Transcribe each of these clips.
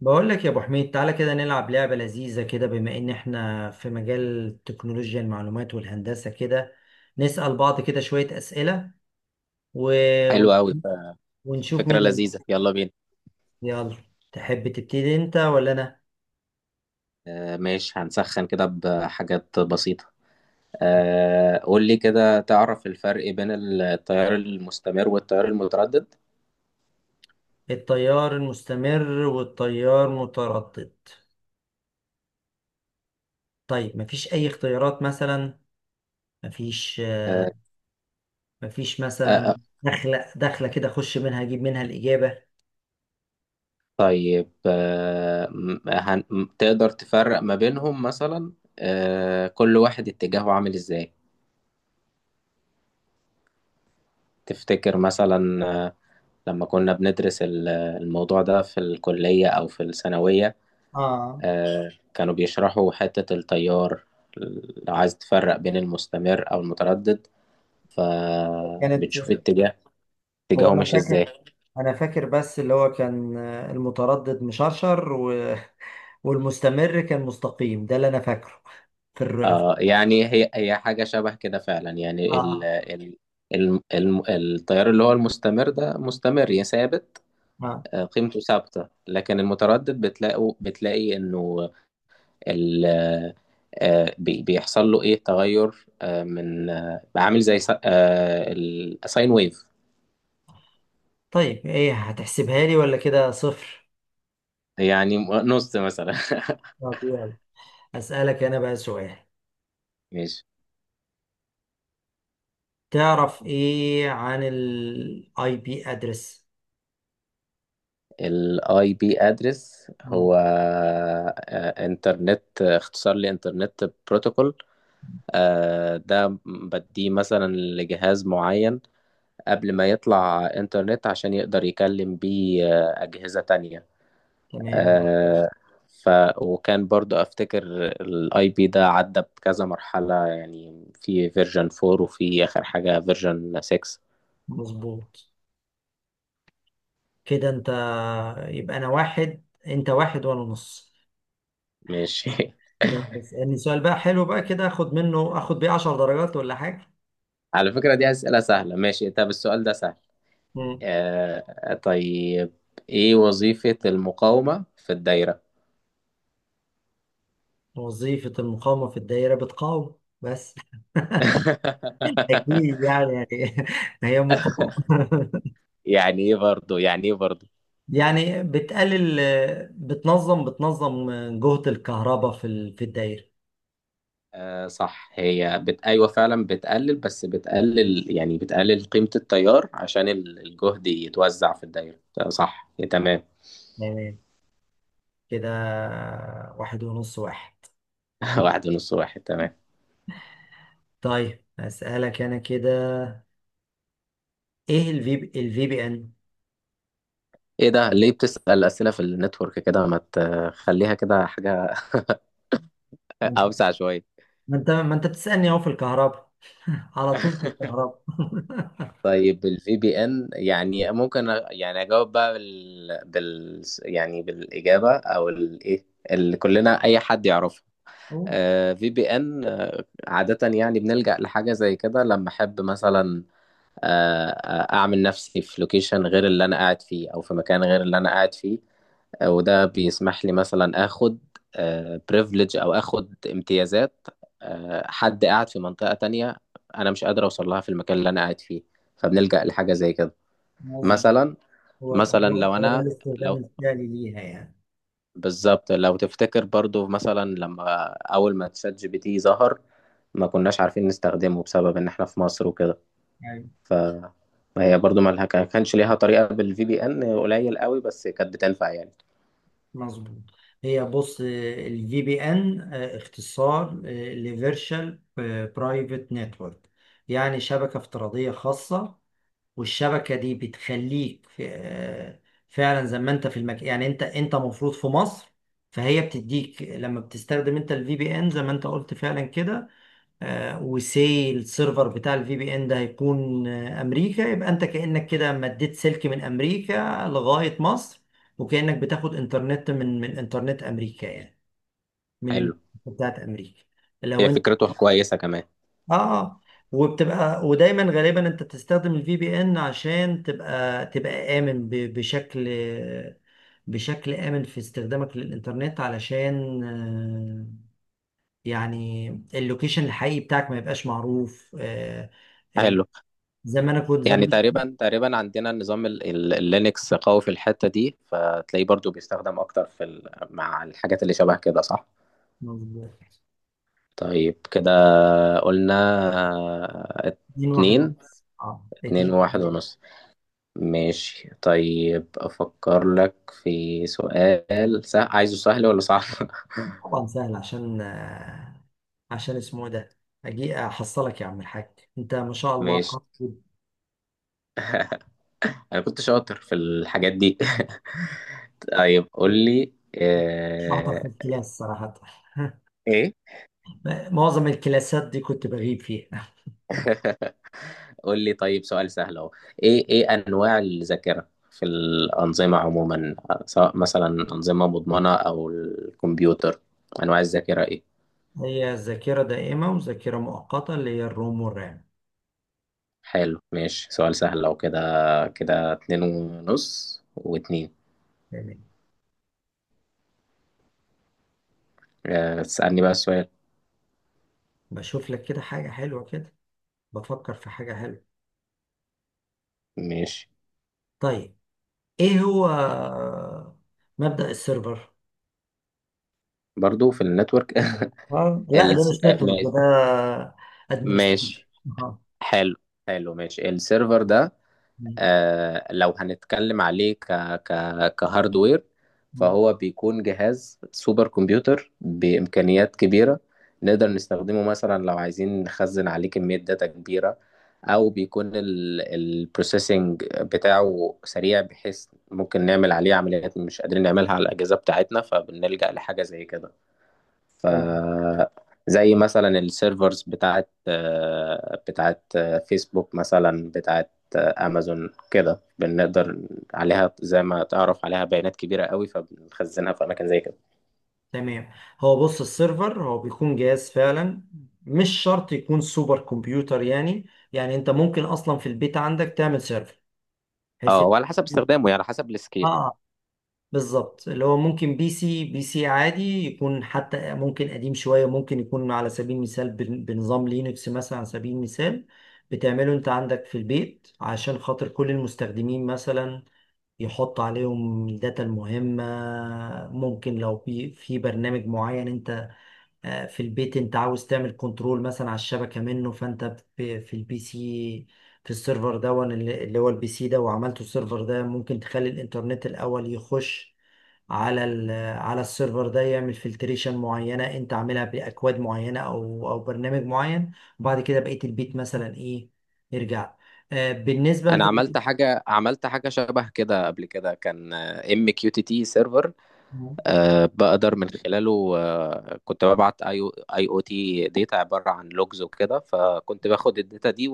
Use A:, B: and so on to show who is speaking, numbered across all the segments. A: بقول لك يا ابو حميد، تعالى كده نلعب لعبة لذيذة كده. بما ان احنا في مجال تكنولوجيا المعلومات والهندسة كده، نسأل بعض كده شوية أسئلة و...
B: حلو
A: ون-
B: قوي.
A: ونشوف
B: فكرة
A: مين اللي
B: لذيذة،
A: هيكسب.
B: يلا بينا.
A: يلا، تحب تبتدي انت ولا انا؟
B: ماشي، هنسخن كده بحاجات بسيطة. قول لي كده، تعرف الفرق بين التيار المستمر والتيار المتردد؟
A: التيار المستمر والتيار متردد. طيب، مفيش اي اختيارات مثلا؟ مفيش؟
B: آه
A: مفيش
B: آه
A: مثلا؟
B: آه،
A: دخلة دخلة كده اخش منها اجيب منها الإجابة.
B: طيب. تقدر تفرق ما بينهم مثلا؟ كل واحد اتجاهه عامل ازاي؟ تفتكر مثلا. لما كنا بندرس الموضوع ده في الكلية أو في الثانوية،
A: اه،
B: كانوا بيشرحوا حتة التيار. لو عايز تفرق بين المستمر أو المتردد
A: كانت.
B: فبتشوف اتجاه،
A: هو
B: اتجاهه
A: انا
B: مش
A: فاكر،
B: ازاي.
A: انا فاكر، بس اللي هو كان المتردد مشرشر والمستمر كان مستقيم، ده اللي انا فاكره. في الر...
B: يعني هي حاجة شبه كده فعلا، يعني
A: آه.
B: التيار اللي هو المستمر ده مستمر يا ثابت،
A: آه.
B: قيمته ثابتة. لكن المتردد بتلاقي انه ال بيحصل له ايه تغير، آه، من آه، عامل زي ساين ويف.
A: طيب ايه، هتحسبها لي ولا كده صفر؟
B: يعني نص مثلا.
A: طب يلا، اسالك انا بقى سؤال.
B: ماشي.
A: تعرف ايه عن الاي بي ادرس؟
B: الاي بي ادرس هو آه، انترنت آه، اختصار لانترنت بروتوكول، ده بديه مثلا لجهاز معين قبل ما يطلع انترنت عشان يقدر يكلم بيه أجهزة تانية.
A: تمام.
B: آه، ف وكان برضو افتكر الاي بي ده عدى بكذا مرحلة، يعني في فيرجن 4 وفي اخر حاجة فيرجن 6.
A: مظبوط. كده انت، يبقى انا واحد انت واحد وانا نص.
B: ماشي.
A: يلا، اسالني سؤال بقى حلو بقى كده اخد منه، اخد بيه 10 درجات ولا حاجه.
B: على فكرة دي أسئلة سهلة. ماشي، طب السؤال ده سهل.
A: مم.
B: طيب، إيه وظيفة المقاومة في الدايرة؟
A: وظيفة المقاومة في الدائرة بتقاوم بس. أكيد يعني، يعني هي مقاومة
B: يعني إيه برضه، يعني إيه برضه؟
A: يعني بتقلل، بتنظم جهد الكهرباء في الدائرة.
B: صح، أيوة فعلا بتقلل، بس بتقلل يعني بتقلل قيمة التيار عشان الجهد يتوزع في الدايرة. صح، تمام.
A: تمام. كده واحد ونص، واحد.
B: واحد ونص واحد، تمام.
A: طيب أسألك أنا كده، إيه الفي بي إن؟
B: إيه ده، ليه بتسأل أسئلة في النتورك كده؟ ما تخليها كده حاجة
A: ما
B: أوسع شوية.
A: ما أنت بتسألني أهو في الكهرباء، على طول في الكهرباء
B: طيب الفي بي ان يعني ممكن يعني اجاوب بقى يعني بالاجابه او الايه اللي كلنا اي حد يعرفها.
A: أهو،
B: في بي ان عاده يعني بنلجأ لحاجه زي كده لما احب مثلا اعمل نفسي في لوكيشن غير اللي انا قاعد فيه او في مكان غير اللي انا قاعد فيه. وده بيسمح لي مثلا اخد بريفليج او اخد امتيازات حد قاعد في منطقه تانية انا مش قادر اوصل لها في المكان اللي انا قاعد فيه، فبنلجأ لحاجه زي كده
A: مظبوط.
B: مثلا.
A: هو
B: مثلا
A: هو
B: لو
A: هو ده
B: انا
A: الاستخدام
B: لو
A: الفعلي ليها يعني؟
B: بالظبط، لو تفتكر برضو مثلا، لما اول ما تشات جي بي تي ظهر ما كناش عارفين نستخدمه بسبب ان احنا في مصر وكده.
A: يعني
B: ف هي برضو ما لها- كان- كانش ليها طريقة، بالفي بي ان قليل قوي بس كانت بتنفع يعني.
A: مظبوط. هي بص، الفي بي ان اختصار لفيرشوال برايفت نتورك، يعني شبكة افتراضية خاصة. والشبكة دي بتخليك في فعلا زي ما انت في المكان. يعني انت مفروض في مصر، فهي بتديك لما بتستخدم انت الفي بي ان زي ما انت قلت فعلا كده. وسي السيرفر بتاع الفي بي ان ده هيكون امريكا، يبقى انت كانك كده مديت سلك من امريكا لغايه مصر، وكانك بتاخد انترنت من انترنت امريكا يعني، من
B: حلو،
A: النت بتاعت امريكا. لو
B: هي
A: انت،
B: فكرته كويسة كمان.
A: اه، وبتبقى ودايما غالبا انت تستخدم الفي بي ان عشان تبقى، بشكل، بشكل امن في استخدامك للانترنت. علشان يعني اللوكيشن الحقيقي بتاعك ما يبقاش معروف. ال-
B: حلو.
A: زي ما انا كنت
B: يعني
A: زمان.
B: تقريبا تقريبا عندنا النظام اللينكس قوي في الحتة دي، فتلاقيه برضو بيستخدم اكتر في مع الحاجات اللي شبه كده، صح.
A: مظبوط.
B: طيب كده قلنا آه،
A: اتنين واحد.
B: اتنين.
A: اه
B: اتنين
A: اتنين
B: وواحد
A: واحد.
B: ونص. ماشي، طيب أفكر لك في سؤال سهل. عايزه سهل ولا صعب؟
A: طبعا سهل عشان عشان اسمه ده، اجي احصلك يا عم الحاج، انت ما شاء الله
B: ماشي،
A: قوي.
B: أنا كنت شاطر في الحاجات دي. طيب قول لي،
A: مش شاطر في
B: آه،
A: الكلاس صراحة
B: ايه
A: معظم الكلاسات دي كنت بغيب فيها.
B: قول لي طيب سؤال سهل اهو. ايه ايه انواع الذاكره في الانظمه عموما، سواء مثلا انظمه مضمونه او الكمبيوتر؟ انواع الذاكره ايه؟
A: هي ذاكرة دائمة وذاكرة مؤقتة، اللي هي الروم والرام.
B: حلو ماشي، سؤال سهل لو كده. كده اتنين ونص واتنين.
A: تمام.
B: تسألني بقى السؤال.
A: بشوف لك كده حاجة حلوة كده، بفكر في حاجة حلوة.
B: ماشي.
A: طيب، ايه هو مبدأ السيرفر؟
B: برضو في النتورك؟
A: لا ده
B: الس...
A: مش
B: آه،
A: نتورك، ده
B: ما-
A: ادمنستريشن.
B: ماشي. حلو، حلو ماشي. السيرفر ده لو هنتكلم عليه ك ك كهاردوير، فهو بيكون جهاز سوبر كمبيوتر بإمكانيات كبيرة، نقدر نستخدمه مثلا لو عايزين نخزن عليه كمية داتا كبيرة، أو بيكون البروسيسنج بتاعه سريع بحيث ممكن نعمل عليه عمليات مش قادرين نعملها على الأجهزة بتاعتنا، فبنلجأ لحاجة زي كده. ف
A: تمام،
B: زي مثلا السيرفرز بتاعت فيسبوك، مثلا بتاعت امازون كده. بنقدر عليها زي ما تعرف عليها بيانات كبيرة قوي، فبنخزنها في اماكن زي كده.
A: تمام. هو بص، السيرفر هو بيكون جهاز فعلا. مش شرط يكون سوبر كمبيوتر يعني. يعني انت ممكن اصلا في البيت عندك تعمل سيرفر، بحيث
B: اه، وعلى حسب استخدامه يعني على حسب السكيل.
A: اه، بالظبط. اللي هو ممكن بي سي عادي يكون، حتى ممكن قديم شوية، ممكن يكون على سبيل المثال بنظام لينكس مثلا، على سبيل المثال. بتعمله انت عندك في البيت عشان خاطر كل المستخدمين مثلا يحط عليهم الداتا المهمة. ممكن لو في برنامج معين انت في البيت انت عاوز تعمل كنترول مثلا على الشبكة منه، فانت في البي سي، في السيرفر ده، اللي هو البي سي ده وعملته السيرفر ده، ممكن تخلي الانترنت الاول يخش على ال- على السيرفر ده، يعمل فلتريشن معينة انت عاملها باكواد معينة او او برنامج معين. وبعد كده بقية البيت مثلا ايه، يرجع بالنسبة
B: انا
A: انت.
B: عملت حاجة، عملت حاجة شبه كده قبل كده، كان ام كيو تي تي سيرفر، بقدر من خلاله كنت ببعت اي او تي داتا عبارة عن لوجز وكده، فكنت باخد الداتا دي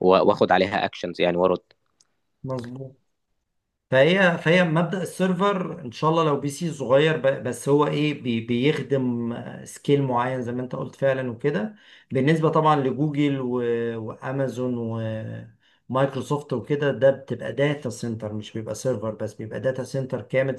B: واخد عليها اكشنز يعني وارد.
A: مظبوط. فهي مبدأ السيرفر ان شاء الله لو بي سي صغير بس هو ايه، بي بيخدم سكيل معين زي ما انت قلت فعلا وكده. بالنسبة طبعا لجوجل وامازون ومايكروسوفت وكده، ده بتبقى داتا سنتر، مش بيبقى سيرفر بس، بيبقى داتا سنتر كامل.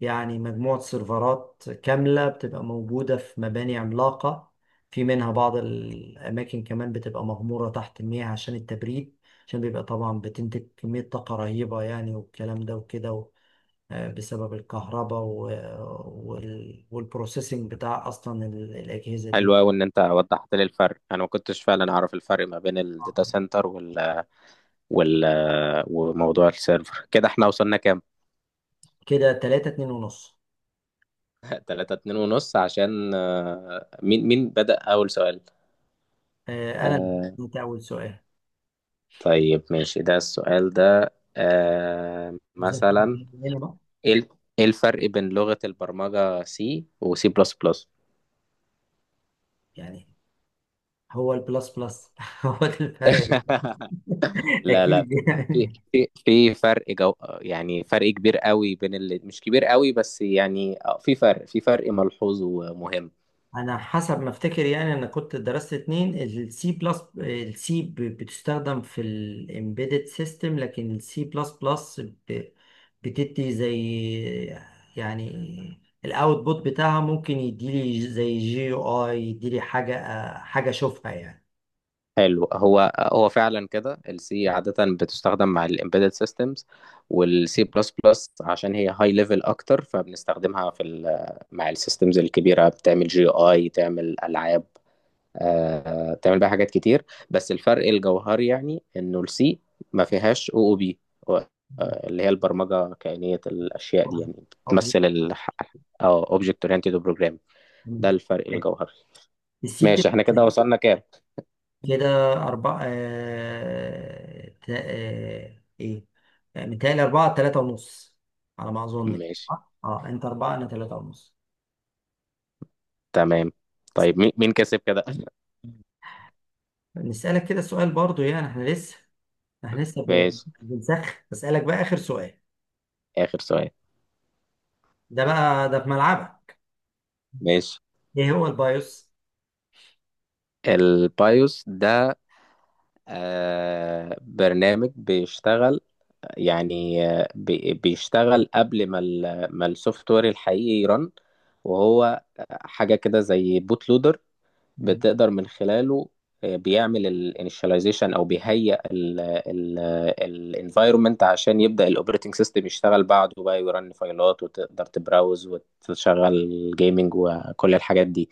A: يعني مجموعة سيرفرات كاملة بتبقى موجودة في مباني عملاقة. في منها بعض الأماكن كمان بتبقى مغمورة تحت المياه عشان التبريد، عشان بيبقى طبعا بتنتج كمية طاقة رهيبة يعني، والكلام ده وكده بسبب الكهرباء والبروسيسنج بتاع أصلا الأجهزة دي.
B: حلو قوي ان انت وضحت لي الفرق، انا ما كنتش فعلا اعرف الفرق ما بين الداتا سنتر وال وال وموضوع السيرفر. كده احنا وصلنا كام؟
A: كده تلاتة، اتنين ونص.
B: 3 2 ونص. عشان مين مين بدأ اول سؤال؟
A: أنا اللي،
B: آه،
A: أنت أول سؤال.
B: طيب ماشي، ده السؤال ده
A: بالظبط
B: مثلا
A: هنا بقى
B: ايه ال- إيه الفرق بين لغة البرمجة سي وسي بلس بلس؟
A: يعني، هو البلس بلس هو ده الفرق؟
B: لا لا،
A: أكيد يعني.
B: في فرق جو، يعني فرق كبير قوي، بين اللي مش كبير قوي بس يعني، في فرق ملحوظ ومهم.
A: انا حسب ما افتكر يعني، انا كنت درست اتنين، السي بلس، السي بتستخدم في الامبيدد سيستم، لكن السي بلس بلس بتدي زي، يعني الاوتبوت بتاعها ممكن يديلي زي جي يو اي، يديلي حاجه، حاجه اشوفها يعني.
B: حلو، هو هو فعلا كده، السي عادة بتستخدم مع الامبيدد سيستمز، والسي بلس بلس عشان هي هاي ليفل اكتر فبنستخدمها في مع السيستمز الكبيرة، بتعمل جي اي، تعمل العاب، بتعمل بيها حاجات كتير. بس الفرق الجوهري يعني انه السي ما فيهاش او او بي اللي هي البرمجه كائنيه الاشياء دي، يعني
A: اوبجكت.
B: بتمثل ال او اوبجكت اورينتد بروجرام. ده الفرق الجوهري.
A: السي
B: ماشي، احنا كده
A: بتبقى.
B: وصلنا كام؟
A: كده أربعة آه... تا... آه... إيه آه، متهيألي أربعة، تلاتة ونص، على ما أظن كده،
B: ماشي،
A: صح؟ أه، أنت أربعة، أنا تلاتة ونص.
B: تمام. طيب مين مين كسب كده؟
A: نسألك كده سؤال برضو، يعني إحنا لسه، إحنا لسه ب...
B: ماشي،
A: بنسخ بسألك بقى آخر سؤال.
B: اخر سؤال.
A: ده بقى ده في ملعبك.
B: ماشي.
A: إيه هو البايوس؟
B: البايوس ده برنامج بيشتغل يعني، بيشتغل قبل ما السوفت وير الحقيقي يرن، وهو حاجة كده زي بوت لودر. بتقدر من خلاله بيعمل الانيشاليزيشن او بيهيئ الانفايرمنت عشان يبدأ الاوبريتنج سيستم يشتغل بعده بقى، ويرن فايلات وتقدر تبراوز وتشغل جيمنج وكل الحاجات دي.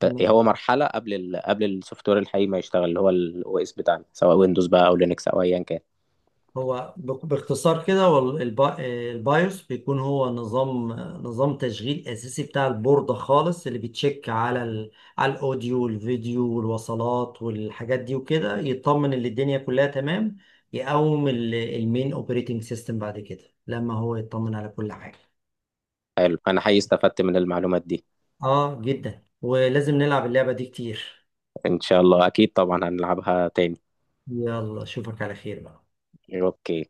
A: مم.
B: هو مرحلة قبل قبل السوفت وير الحقيقي ما يشتغل، اللي هو الاو اس بتاعنا، سواء ويندوز بقى او لينكس او ايا كان.
A: هو باختصار كده، هو البايوس بيكون هو نظام، نظام تشغيل اساسي بتاع البوردة خالص، اللي بيتشيك على الاوديو والفيديو والوصلات والحاجات دي وكده، يطمن ان الدنيا كلها تمام، يقوم المين اوبريتنج سيستم بعد كده لما هو يطمن على كل حاجة.
B: حلو، انا حقيقي استفدت من المعلومات دي.
A: اه جدا، ولازم نلعب اللعبة دي كتير.
B: ان شاء الله، اكيد طبعا هنلعبها تاني.
A: يلا اشوفك على خير بقى.
B: اوكي.